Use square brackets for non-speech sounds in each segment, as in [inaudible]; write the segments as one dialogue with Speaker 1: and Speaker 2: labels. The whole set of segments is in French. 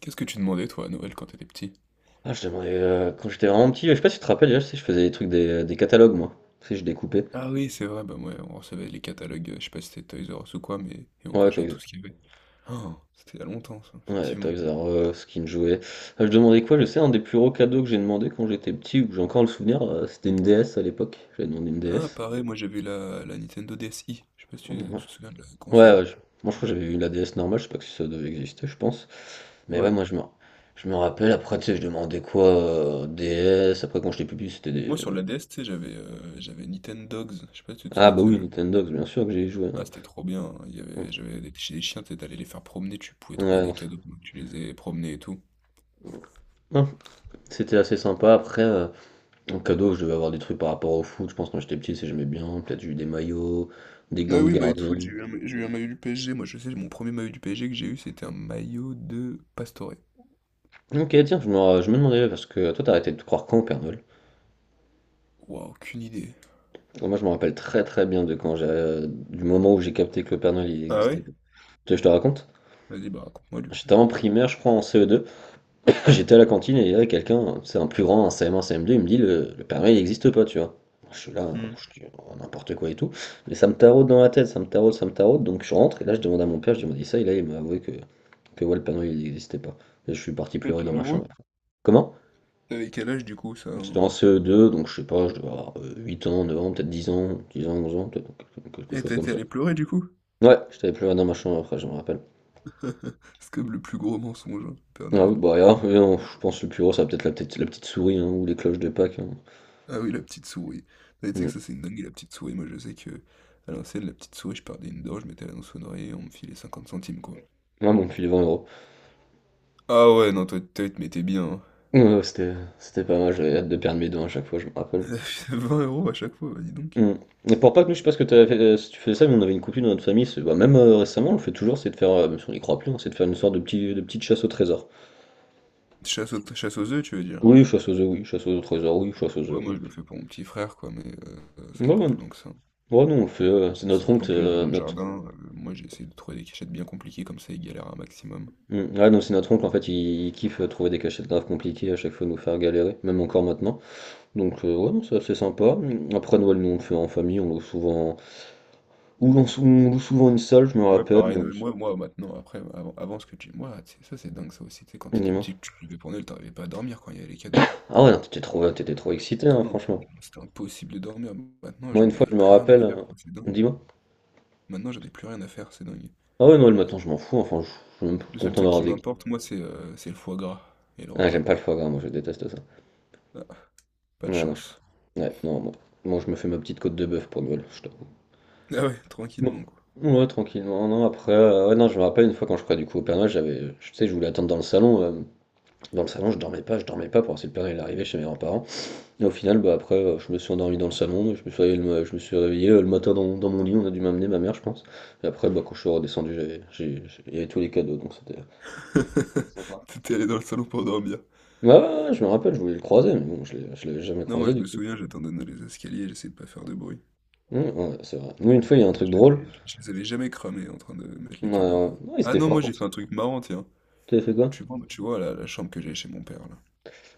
Speaker 1: Qu'est-ce que tu demandais toi à Noël quand t'étais petit?
Speaker 2: Ah, je demandais, quand j'étais vraiment petit, je sais pas si tu te rappelles, déjà, tu sais, je faisais des trucs, des catalogues, moi. Tu sais, je découpais.
Speaker 1: Ah oui, c'est vrai, bah ouais, on recevait les catalogues, je sais pas si c'était Toys R Us ou quoi, mais et on
Speaker 2: Ouais,
Speaker 1: cochait
Speaker 2: Toys
Speaker 1: tout ce qu'il y avait. Oh, c'était il y a longtemps ça,
Speaker 2: ouais,
Speaker 1: effectivement.
Speaker 2: Toys R Us, Skin Jouet. Ah, je demandais quoi? Je sais, un des plus gros cadeaux que j'ai demandé quand j'étais petit, où j'ai encore le souvenir, c'était une DS à l'époque. J'avais demandé une
Speaker 1: Ah
Speaker 2: DS.
Speaker 1: pareil, moi j'avais la Nintendo DSi, je sais pas si tu,
Speaker 2: Mmh,
Speaker 1: tu te souviens de la
Speaker 2: ouais,
Speaker 1: console.
Speaker 2: ouais, je moi, je crois que j'avais eu la DS normale, je sais pas si ça devait exister, je pense. Mais ouais,
Speaker 1: Ouais.
Speaker 2: moi, je me rappelle, après, tu sais, je demandais quoi? DS, après, quand j'étais plus petit, c'était
Speaker 1: Moi
Speaker 2: des
Speaker 1: sur la DS, tu sais, j'avais Nintendogs, je sais pas si tu te
Speaker 2: ah
Speaker 1: souviens de
Speaker 2: bah
Speaker 1: ce
Speaker 2: oui,
Speaker 1: jeu.
Speaker 2: Nintendo bien sûr que j'ai joué,
Speaker 1: Ah
Speaker 2: hein.
Speaker 1: c'était trop bien, hein, il y
Speaker 2: Mmh.
Speaker 1: avait, j'avais des, chez les chiens, t'sais, t'allais les faire promener, tu pouvais trouver
Speaker 2: Ouais, non,
Speaker 1: des
Speaker 2: c'est
Speaker 1: cadeaux, donc tu les ai promenés et tout.
Speaker 2: non, c'était assez sympa. Après, en cadeau, je devais avoir des trucs par rapport au foot. Je pense que quand j'étais petit, c'est j'aimais bien. Peut-être j'ai eu des maillots, des
Speaker 1: Ouais,
Speaker 2: gants de
Speaker 1: oui, maillot de
Speaker 2: gardien.
Speaker 1: foot, j'ai eu un maillot du PSG. Moi, je sais, mon premier maillot du PSG que j'ai eu, c'était un maillot de Pastore.
Speaker 2: Ok, tiens, je me demandais, parce que toi, t'as arrêté de croire quand au Père Noël?
Speaker 1: Waouh, aucune idée.
Speaker 2: Moi, je me rappelle très très bien de quand du moment où j'ai capté que le Père Noël, il
Speaker 1: Ah
Speaker 2: existait
Speaker 1: ouais?
Speaker 2: pas. Tu veux que je te raconte?
Speaker 1: Vas-y, bah raconte-moi du coup.
Speaker 2: J'étais en primaire, je crois, en CE2. [laughs] J'étais à la cantine et il y avait quelqu'un, c'est un plus grand, un CM1, CM2, il me dit, le Père Noël, il n'existe pas, tu vois. Je suis là,
Speaker 1: Hmm.
Speaker 2: je dis oh, n'importe quoi et tout. Mais ça me taraude dans la tête, ça me taraude, ça me taraude. Donc je rentre et là je demande à mon père, je lui demande ça et là il m'a avoué que... Que ouais, le panneau il n'existait pas. Et je suis parti
Speaker 1: Je
Speaker 2: pleurer
Speaker 1: te
Speaker 2: dans ma chambre.
Speaker 1: l'avoue.
Speaker 2: Comment?
Speaker 1: T'avais quel âge du coup, ça,
Speaker 2: C'était en
Speaker 1: hein?
Speaker 2: CE2, donc je sais pas, je devais avoir, 8 ans, 9 ans, peut-être 10 ans, 10 ans, 11 ans, peut-être quelque
Speaker 1: Eh,
Speaker 2: chose
Speaker 1: t'as
Speaker 2: comme
Speaker 1: été
Speaker 2: ça.
Speaker 1: allé pleurer du coup?
Speaker 2: Ouais, j'étais allé pleurer dans ma chambre après, je me rappelle.
Speaker 1: [laughs] C'est comme le plus gros mensonge, hein, Père
Speaker 2: Ah oui,
Speaker 1: Noël.
Speaker 2: bah, alors, oui, non, je pense le plus gros, ça va peut-être la petite souris, hein, ou les cloches de Pâques, hein.
Speaker 1: Ah oui, la petite souris. Mais tu sais
Speaker 2: Mmh.
Speaker 1: que ça, c'est une dingue la petite souris. Moi, je sais que à l'ancienne, la petite souris, je perdais une dent, je mettais la dans sonnerie et on me filait 50 centimes, quoi.
Speaker 2: Ah mon pull vent.
Speaker 1: Ah ouais, non, toi, tu te mettais bien, hein.
Speaker 2: Ouais, ouais, c'était pas mal, j'avais hâte de perdre mes dents à chaque fois, je me
Speaker 1: [laughs]
Speaker 2: rappelle.
Speaker 1: 20 € à chaque fois, bah dis donc.
Speaker 2: Mmh. Et pour Pâques, nous, je sais pas ce que tu avais fait, si tu faisais ça, mais on avait une coutume dans notre famille, c'est bah, même, récemment, on le fait toujours, c'est de faire, même si on y croit plus, hein, c'est de faire une sorte de petite chasse au trésor.
Speaker 1: Chasse aux œufs, tu veux dire?
Speaker 2: Oui, chasse aux œufs, oui, chasse aux trésors, oui, chasse aux
Speaker 1: Ouais,
Speaker 2: œufs, oui.
Speaker 1: moi je le fais pour mon petit frère, quoi, mais ça va
Speaker 2: Non,
Speaker 1: pas
Speaker 2: non,
Speaker 1: plus loin que ça.
Speaker 2: non, non, on fait, c'est
Speaker 1: Ça
Speaker 2: notre oncle,
Speaker 1: planque les œufs dans le
Speaker 2: notre...
Speaker 1: jardin. Moi j'ai essayé de trouver des cachettes bien compliquées, comme ça ils galèrent un maximum.
Speaker 2: Hmm. Ah non, c'est notre oncle, en fait, il kiffe trouver des cachettes graves compliquées, à chaque fois nous faire galérer, même encore maintenant. Donc, ouais, non, c'est assez sympa. Hmm. Après Noël, nous, on le fait en famille, on loue souvent... Ou on, on loue souvent une salle, je me
Speaker 1: Ouais,
Speaker 2: rappelle.
Speaker 1: pareil, Noël, moi maintenant, après, avant ce que tu. Moi, tu sais, ça c'est dingue ça aussi, tu sais, quand t'étais
Speaker 2: Dis-moi.
Speaker 1: petit, tu devais pour Noël, t'arrivais pas à dormir quand il y avait les cadeaux, quoi.
Speaker 2: Ah ouais, non, t'étais trop excité, hein,
Speaker 1: Ah non,
Speaker 2: franchement.
Speaker 1: c'était impossible de dormir. Maintenant,
Speaker 2: Moi, une
Speaker 1: j'en
Speaker 2: fois,
Speaker 1: ai
Speaker 2: je me
Speaker 1: plus rien à
Speaker 2: rappelle...
Speaker 1: faire, quoi, c'est dingue.
Speaker 2: Dis-moi.
Speaker 1: Maintenant, j'en ai plus rien à faire, c'est dingue.
Speaker 2: Ah ouais, Noël, maintenant, je m'en fous, enfin, je suis même
Speaker 1: Le seul
Speaker 2: content
Speaker 1: truc
Speaker 2: d'avoir
Speaker 1: qui
Speaker 2: des...
Speaker 1: m'importe, moi, c'est le foie gras et le
Speaker 2: Ah, j'aime
Speaker 1: repas.
Speaker 2: pas le foie gras, moi, je déteste ça.
Speaker 1: Ah, pas de
Speaker 2: Ouais, non, je...
Speaker 1: chance.
Speaker 2: ouais, non, bon. Moi, je me fais ma petite côte de bœuf pour Noël, je t'avoue.
Speaker 1: Ah ouais,
Speaker 2: Bon.
Speaker 1: tranquillement, quoi.
Speaker 2: Ouais, tranquillement. Non, après, ouais, non, je me rappelle une fois quand je crois du coup au Père Noël, je sais, je voulais attendre dans le salon. Dans le salon, je dormais pas pour voir si le Père Noël arrivait chez mes grands-parents. Et au final, bah après, je me suis endormi dans le salon, je me suis réveillé, le matin dans, mon lit, on a dû m'amener ma mère, je pense. Et après, bah quand je suis redescendu, il y avait tous les cadeaux, donc c'était sympa.
Speaker 1: [laughs] T'étais allé dans le salon pour dormir.
Speaker 2: Ouais, ouais, ouais, je me rappelle, je voulais le croiser, mais bon, je l'avais jamais
Speaker 1: Non, moi
Speaker 2: croisé
Speaker 1: je
Speaker 2: du
Speaker 1: me
Speaker 2: coup.
Speaker 1: souviens, j'attendais dans les escaliers, j'essayais de pas faire de bruit.
Speaker 2: Ouais, c'est vrai. Nous, une fois, il y a un truc drôle.
Speaker 1: Je les avais jamais cramés en train de mettre
Speaker 2: Ouais, ouais.
Speaker 1: les cadeaux,
Speaker 2: Non,
Speaker 1: quoi.
Speaker 2: ils
Speaker 1: Ah
Speaker 2: étaient
Speaker 1: non,
Speaker 2: forts
Speaker 1: moi j'ai
Speaker 2: pour ça.
Speaker 1: fait un truc marrant, tiens.
Speaker 2: T'avais fait quoi?
Speaker 1: Tu vois la chambre que j'avais chez mon père, là.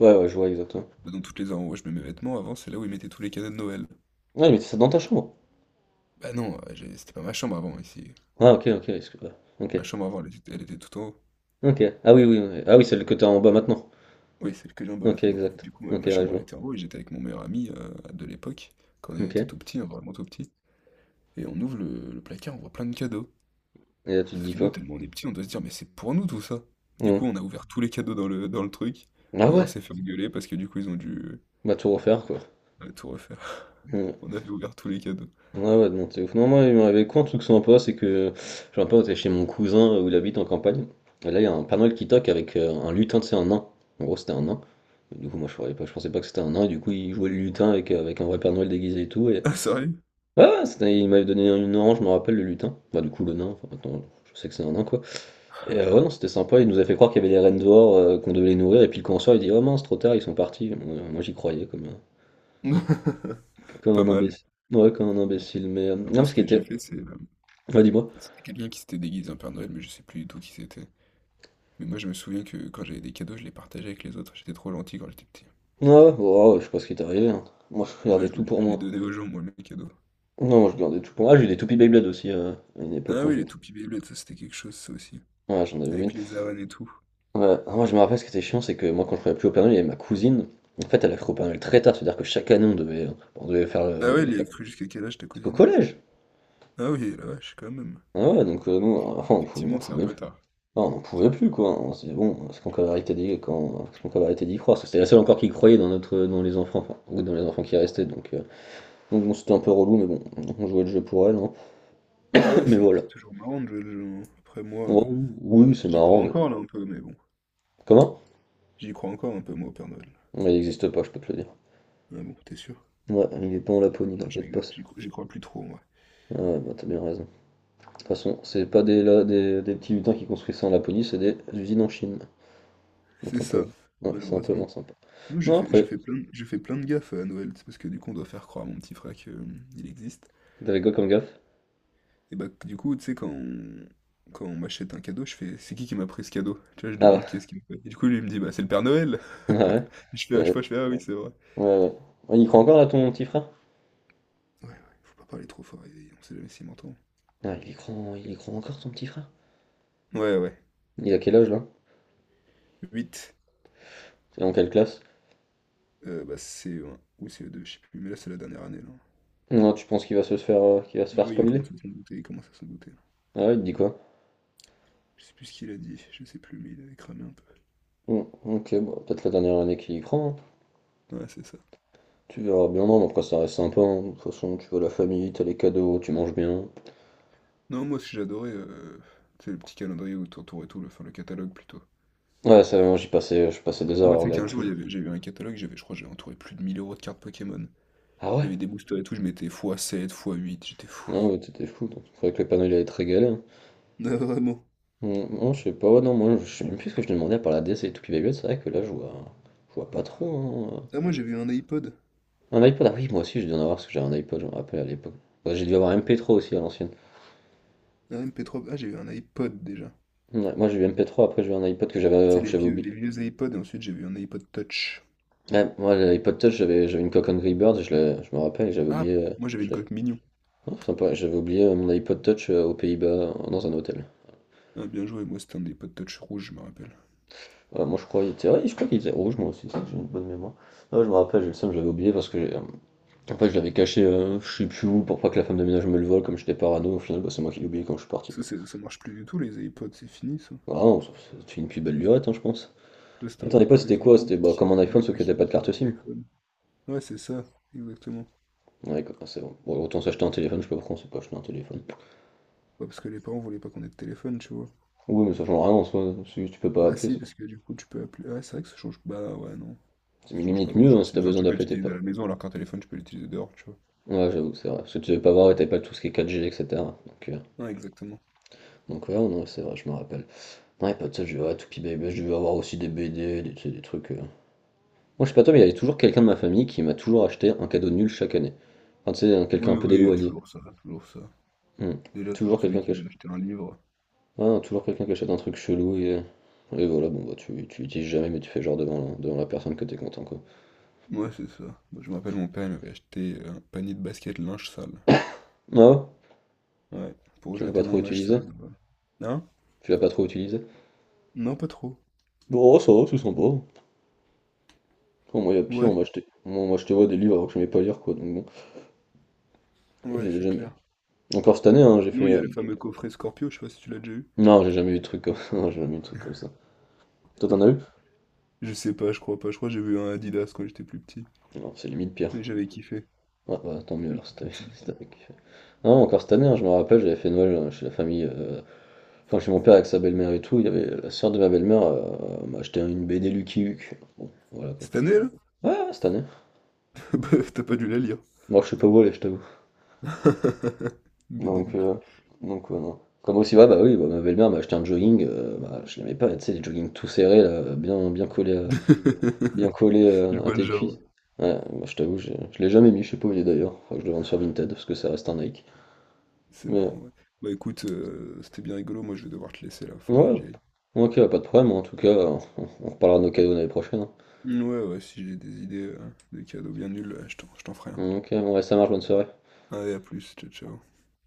Speaker 2: Ouais, ouais, je vois exactement.
Speaker 1: Bah, dans toutes les endroits où je mets mes vêtements, avant, c'est là où ils mettaient tous les cadeaux de Noël.
Speaker 2: Ouais, mais ça dans ta chambre.
Speaker 1: Bah non, c'était pas ma chambre avant, ici.
Speaker 2: Ah, ok, ok, ouais, ok,
Speaker 1: Ma chambre avant, elle était tout en haut.
Speaker 2: ok. Ah oui, oui, oui. Ah oui, celle que t'as en bas maintenant.
Speaker 1: Oui, celle que j'ai en bas
Speaker 2: Ok,
Speaker 1: maintenant. Et
Speaker 2: exact.
Speaker 1: du coup,
Speaker 2: Ok,
Speaker 1: ma
Speaker 2: ouais, je
Speaker 1: chambre, elle
Speaker 2: vois.
Speaker 1: était en haut et j'étais avec mon meilleur ami de l'époque, quand on
Speaker 2: Ok.
Speaker 1: était
Speaker 2: Et
Speaker 1: tout petit, hein, vraiment tout petit. Et on ouvre le placard, on voit plein de cadeaux.
Speaker 2: là, tu te
Speaker 1: Sauf
Speaker 2: dis
Speaker 1: que nous,
Speaker 2: quoi?
Speaker 1: tellement on est petits, on doit se dire, mais c'est pour nous tout ça. Du
Speaker 2: Hmm.
Speaker 1: coup, on a ouvert tous les cadeaux dans le truc.
Speaker 2: Ah
Speaker 1: Bon, et on
Speaker 2: ouais,
Speaker 1: s'est fait engueuler parce que du coup, ils ont dû
Speaker 2: bah tout refaire, quoi.
Speaker 1: tout refaire.
Speaker 2: Hmm.
Speaker 1: [laughs] On avait ouvert tous les cadeaux.
Speaker 2: Ouais, ouais, non, c'est ouf. Non, moi, il m'arrivait quoi un truc sympa, c'est que j'ai un pote, c'est chez mon cousin où il habite en campagne. Et là, il y a un Père Noël qui toque avec un lutin, tu sais, un nain. En gros, c'était un nain. Et du coup, moi, je savais pas, je pensais pas que c'était un nain, et du coup, il jouait le lutin avec, avec un vrai Père Noël déguisé et tout. Et...
Speaker 1: Ah, sérieux?
Speaker 2: Ah, ouais, c'était il m'avait donné une orange, je me rappelle, le lutin. Bah, du coup, le nain, enfin maintenant, je sais que c'est un nain, quoi. Et ouais, non, c'était sympa, il nous a fait croire qu'il y avait des rennes dehors, qu'on devait les nourrir, et puis le on il dit, oh mince, trop tard, ils sont partis. Moi, j'y croyais, comme,
Speaker 1: [laughs]
Speaker 2: comme
Speaker 1: Pas
Speaker 2: un
Speaker 1: mal.
Speaker 2: imbécile. Ouais, comme un imbécile, mais...
Speaker 1: Non, moi,
Speaker 2: Non,
Speaker 1: ce
Speaker 2: ce qui
Speaker 1: que
Speaker 2: était...
Speaker 1: j'ai fait,
Speaker 2: Ouais, dis-moi.
Speaker 1: c'était quelqu'un qui s'était déguisé en Père Noël, mais je sais plus du tout qui c'était. Mais moi, je me souviens que quand j'avais des cadeaux, je les partageais avec les autres. J'étais trop gentil quand j'étais petit.
Speaker 2: Ouais, ouais, ouais, ouais, je sais pas ce qui est arrivé, hein. Moi, je
Speaker 1: Ouais,
Speaker 2: gardais tout pour
Speaker 1: je les
Speaker 2: moi.
Speaker 1: donnais aux gens, moi, mes cadeaux.
Speaker 2: Non, moi, je gardais tout pour moi. Ah, j'ai eu des toupies Beyblade aussi, à une époque,
Speaker 1: Ah
Speaker 2: quand
Speaker 1: oui, les
Speaker 2: j'étais...
Speaker 1: toupies Beyblade, ça c'était quelque chose, ça aussi.
Speaker 2: Ouais, j'en avais une.
Speaker 1: Avec les arènes et tout.
Speaker 2: Ouais. Ah, moi, je me rappelle ce qui était chiant, c'est que moi, quand je travaillais plus au Père Noël, il y avait ma cousine. En fait, elle a cru au Père Noël très tard, c'est-à-dire que chaque année, on
Speaker 1: Ah ouais,
Speaker 2: devait
Speaker 1: elle y a
Speaker 2: faire
Speaker 1: cru jusqu'à quel âge ta
Speaker 2: jusqu'au
Speaker 1: cousine?
Speaker 2: collège.
Speaker 1: Ah oui, la vache, quand même.
Speaker 2: Ah ouais, donc nous, enfin, on en
Speaker 1: Effectivement, c'est
Speaker 2: pouvait
Speaker 1: un peu
Speaker 2: plus.
Speaker 1: tard.
Speaker 2: Ah, on n'en pouvait plus, quoi. On s'est dit, bon, est-ce qu'on peut arrêter d'y croire? Parce que c'était la seule encore qui croyait dans notre, dans les enfants, enfin, ou dans les enfants qui restaient, donc bon, c'était un peu relou, mais bon, on jouait le jeu pour elle, hein.
Speaker 1: Ah
Speaker 2: [laughs]
Speaker 1: ouais,
Speaker 2: Mais
Speaker 1: c'est
Speaker 2: voilà.
Speaker 1: c'est toujours marrant de jouer le jeu, hein. Après, moi,
Speaker 2: Oh, oui, c'est
Speaker 1: j'y crois
Speaker 2: marrant, mais
Speaker 1: encore là un peu, mais bon.
Speaker 2: comment?
Speaker 1: J'y crois encore un peu, moi, au Père Noël.
Speaker 2: Mais il n'existe pas, je peux te le dire.
Speaker 1: Ah bon, t'es sûr?
Speaker 2: Ouais, il est pas en Laponie,
Speaker 1: Non, je
Speaker 2: t'inquiète pas.
Speaker 1: rigole, j'y crois plus trop, moi.
Speaker 2: Ah ouais, bah, t'as bien raison. Toute façon, c'est pas des petits lutins qui construisent ça en Laponie, c'est des usines en Chine. Donc
Speaker 1: C'est
Speaker 2: un peu,
Speaker 1: ça,
Speaker 2: ouais, c'est un peu moins
Speaker 1: malheureusement.
Speaker 2: sympa.
Speaker 1: Moi,
Speaker 2: Non, après,
Speaker 1: je fais plein de gaffes à Noël, c'est parce que du coup, on doit faire croire à mon petit frère que il existe.
Speaker 2: t'avais quoi comme gaffe?
Speaker 1: Et bah, du coup, tu sais, quand on m'achète un cadeau, je fais, c'est qui m'a pris ce cadeau? Tu vois, je
Speaker 2: Ah ouais,
Speaker 1: demande qui est-ce qui m'a fait. Et du coup, lui, il me dit, bah, c'est le Père Noël!
Speaker 2: [laughs] ouais,
Speaker 1: [laughs] Je fais, à chaque
Speaker 2: ouais,
Speaker 1: fois, je fais, ah oui, c'est vrai.
Speaker 2: ouais, ouais. Ouais, il y croit encore là ton petit frère?
Speaker 1: Ouais, ouais, faut pas parler trop fort, on sait jamais s'il m'entend.
Speaker 2: Ah, il y croit encore ton petit frère?
Speaker 1: Ouais, ouais.
Speaker 2: Il a quel âge là?
Speaker 1: 8.
Speaker 2: C'est dans quelle classe?
Speaker 1: Bah, CE1 ou CE2 je sais plus, mais là c'est la dernière année là.
Speaker 2: Non, tu penses qu'il va se
Speaker 1: Ah
Speaker 2: faire
Speaker 1: oui, il
Speaker 2: spoiler?
Speaker 1: commence à s'en douter, il commence à s'en douter là.
Speaker 2: Ah ouais, il te dit quoi?
Speaker 1: Je sais plus ce qu'il a dit, je sais plus, mais il avait cramé un peu.
Speaker 2: Bon, ok, bon, peut-être la dernière année qu'il y croit, hein.
Speaker 1: Ouais, c'est ça.
Speaker 2: Tu verras bien, non, mais après ça reste sympa, hein. De toute façon, tu vois la famille, t'as les cadeaux, tu manges bien.
Speaker 1: Non, moi aussi j'adorais, tu sais, le petit calendrier où tu entourais tout, enfin le catalogue plutôt.
Speaker 2: Ouais, ça, moi j'y passais, je passais des heures
Speaker 1: Moi,
Speaker 2: à
Speaker 1: tu sais
Speaker 2: regarder
Speaker 1: qu'un jour,
Speaker 2: tout.
Speaker 1: j'ai eu un catalogue, j'avais, je crois, que j'ai entouré plus de 1 000 € de cartes Pokémon. Il
Speaker 2: Ah
Speaker 1: y
Speaker 2: ouais?
Speaker 1: avait des boosters et tout, je mettais fois sept fois huit j'étais fou.
Speaker 2: Non, ouais, t'étais fou, donc faudrait que le panneau il allait te régaler, hein.
Speaker 1: Ah, vraiment.
Speaker 2: Non, je sais pas, ouais, non, moi je sais même plus ce que je demandais à part la DC et tout qui va bien, c'est vrai que là je vois pas trop, hein.
Speaker 1: Ah, moi, j'ai vu un iPod,
Speaker 2: Un iPod, ah oui, moi aussi je dû en avoir parce que j'avais un iPod, je me rappelle à l'époque. Ouais, j'ai dû avoir un MP3 aussi à l'ancienne.
Speaker 1: un MP3 ah, j'ai eu un iPod déjà.
Speaker 2: Ouais, moi j'ai eu MP3, après j'ai eu un iPod que
Speaker 1: C'est
Speaker 2: j'avais que
Speaker 1: les
Speaker 2: j'avais
Speaker 1: vieux,
Speaker 2: oublié.
Speaker 1: les vieux iPods, et ensuite j'ai vu un iPod Touch.
Speaker 2: Ouais, moi l'iPod Touch, j'avais une Coke Angry Birds, je me rappelle, et j'avais
Speaker 1: Ah,
Speaker 2: oublié.
Speaker 1: moi j'avais une coque mignon.
Speaker 2: Oh, sympa, j'avais oublié mon iPod Touch aux Pays-Bas dans un hôtel.
Speaker 1: Ah, bien joué, moi c'était un iPod Touch rouge, je me rappelle.
Speaker 2: Voilà, moi je crois qu'il était, ouais, je crois qu'il était rouge moi aussi, c'est que j'ai une bonne mémoire. Ouais, je me rappelle, j'ai le seum, j'avais oublié En fait, je l'avais caché, je sais plus où, pour pas que la femme de ménage me le vole, comme j'étais parano, au final, bah, c'est moi qui l'ai oublié quand je suis parti, quoi.
Speaker 1: Ça marche plus du tout, les iPods, c'est fini ça.
Speaker 2: Ah non, c'était une plus belle lurette, hein, je pense.
Speaker 1: Ça c'était
Speaker 2: En
Speaker 1: un
Speaker 2: fait, à
Speaker 1: peu
Speaker 2: l'époque,
Speaker 1: pour
Speaker 2: c'était
Speaker 1: les
Speaker 2: quoi?
Speaker 1: enfants,
Speaker 2: C'était
Speaker 1: peut-être
Speaker 2: bah,
Speaker 1: qu'ils
Speaker 2: comme un
Speaker 1: ils
Speaker 2: iPhone,
Speaker 1: voulaient
Speaker 2: sauf
Speaker 1: pas
Speaker 2: que t'as
Speaker 1: qu'ils aient
Speaker 2: pas
Speaker 1: de
Speaker 2: de
Speaker 1: numéro
Speaker 2: carte
Speaker 1: de
Speaker 2: SIM.
Speaker 1: téléphone. Ouais, c'est ça, exactement.
Speaker 2: Ouais, quoi, c'est bon. Bon, autant s'acheter un téléphone, je sais pas pourquoi on s'est pas acheté un téléphone.
Speaker 1: Ouais, parce que les parents voulaient pas qu'on ait de téléphone, tu vois.
Speaker 2: Oui, mais ça change rien en soi, si tu peux pas
Speaker 1: Bah
Speaker 2: appeler,
Speaker 1: si,
Speaker 2: c'est
Speaker 1: parce que du coup tu peux appeler. Ah, c'est vrai que ça change. Bah ouais, non.
Speaker 2: c'est
Speaker 1: Ça change pas
Speaker 2: limite mieux, hein,
Speaker 1: grand-chose.
Speaker 2: si
Speaker 1: C'est
Speaker 2: t'as
Speaker 1: juste un
Speaker 2: besoin
Speaker 1: truc que
Speaker 2: d'appeler,
Speaker 1: tu
Speaker 2: t'es
Speaker 1: utilises à la
Speaker 2: pas.
Speaker 1: maison, alors qu'un téléphone tu peux l'utiliser dehors, tu vois.
Speaker 2: Ouais, j'avoue, c'est vrai. Parce que tu devais pas voir, et t'avais pas tout ce qui est 4G, etc. Donc, euh,
Speaker 1: Ouais, exactement.
Speaker 2: donc ouais, non, c'est vrai, je me rappelle. Ouais, pas de ça, je devais, ouais, Toupie Baby, je devais avoir aussi des BD, des, tu sais, des trucs. Moi, je sais pas toi, mais il y avait toujours quelqu'un de ma famille qui m'a toujours acheté un cadeau nul chaque année. Enfin, tu sais, quelqu'un
Speaker 1: Oui,
Speaker 2: un peu
Speaker 1: oui, il y a
Speaker 2: d'éloigné.
Speaker 1: toujours ça, toujours ça.
Speaker 2: Hmm.
Speaker 1: Déjà,
Speaker 2: Toujours
Speaker 1: toujours celui
Speaker 2: quelqu'un qui
Speaker 1: qui
Speaker 2: achète...
Speaker 1: veut acheter un livre.
Speaker 2: ouais, toujours quelqu'un qui achète un truc chelou et... Et voilà, bon, bah, tu l'utilises jamais, mais tu fais genre devant, devant la personne que t'es content, quoi.
Speaker 1: Ouais, c'est ça. Moi, je me rappelle, mon père, il m'avait acheté un panier de basket linge sale.
Speaker 2: Ah ouais?
Speaker 1: Ouais, pour
Speaker 2: Tu l'as pas
Speaker 1: jeter
Speaker 2: trop
Speaker 1: mon linge sale
Speaker 2: utilisé?
Speaker 1: là-bas. Hein?
Speaker 2: Tu l'as pas trop utilisé?
Speaker 1: Non, pas trop.
Speaker 2: Bon, ça va, c'est sympa. Bon, moi, il y a pire,
Speaker 1: Ouais,
Speaker 2: on m'a acheté... Moi, moi, je te vois des livres alors que je n'aimais pas lire, quoi, donc bon, je
Speaker 1: ouais,
Speaker 2: les ai
Speaker 1: c'est
Speaker 2: jamais...
Speaker 1: clair.
Speaker 2: Encore cette année, hein, j'ai
Speaker 1: Sinon,
Speaker 2: fait...
Speaker 1: il y a le fameux coffret Scorpio, je sais pas si tu l'as déjà eu.
Speaker 2: Non, j'ai jamais eu de truc comme... [laughs] non, j'ai jamais eu de truc comme ça. Toi, t'en as eu?
Speaker 1: Je sais pas, je crois pas. Je crois que j'ai vu un Adidas quand j'étais plus petit.
Speaker 2: Non, c'est limite pire.
Speaker 1: Mais j'avais kiffé.
Speaker 2: Ah bah, tant mieux
Speaker 1: Oui,
Speaker 2: alors, si
Speaker 1: j'étais
Speaker 2: t'avais...
Speaker 1: petit
Speaker 2: [laughs]
Speaker 1: du
Speaker 2: si
Speaker 1: coup.
Speaker 2: t'avais- Non, encore cette année, hein, je me rappelle, j'avais fait Noël chez la famille, enfin chez mon père avec sa belle-mère et tout. Il y avait la sœur de ma belle-mère m'a acheté une BD Lucky Luke. Bon, voilà quoi.
Speaker 1: Cette année, là?
Speaker 2: Ouais, ouais, cette année.
Speaker 1: [laughs] Bah, t'as pas dû la lire.
Speaker 2: Moi, je sais pas où aller, je t'avoue.
Speaker 1: [laughs] BD
Speaker 2: Donc,
Speaker 1: Luc.
Speaker 2: euh, donc ouais, non. Comme aussi, ouais, bah oui, bah, ma belle-mère m'a acheté un jogging. Bah, je l'aimais pas, tu sais, les joggings tout serrés, là, bien, bien collés,
Speaker 1: [laughs] Je
Speaker 2: à
Speaker 1: vois le
Speaker 2: tes
Speaker 1: genre,
Speaker 2: cuisses.
Speaker 1: ouais.
Speaker 2: Ouais, moi, je t'avoue, je l'ai jamais mis, je sais pas où il est d'ailleurs. Faudrait que je le vende sur Vinted parce que ça reste un Nike.
Speaker 1: C'est
Speaker 2: Mais
Speaker 1: marrant, ouais. Bah écoute, c'était bien rigolo. Moi, je vais devoir te laisser là. Faudra que
Speaker 2: ouais,
Speaker 1: j'y aille.
Speaker 2: ok, pas de problème. En tout cas, on reparlera de nos cadeaux l'année prochaine, hein.
Speaker 1: Ouais, ouais, si j'ai des idées de cadeaux bien nuls, je t'en ferai un.
Speaker 2: Ok, ouais, ça marche, bonne soirée.
Speaker 1: Allez, à plus. Ciao, ciao.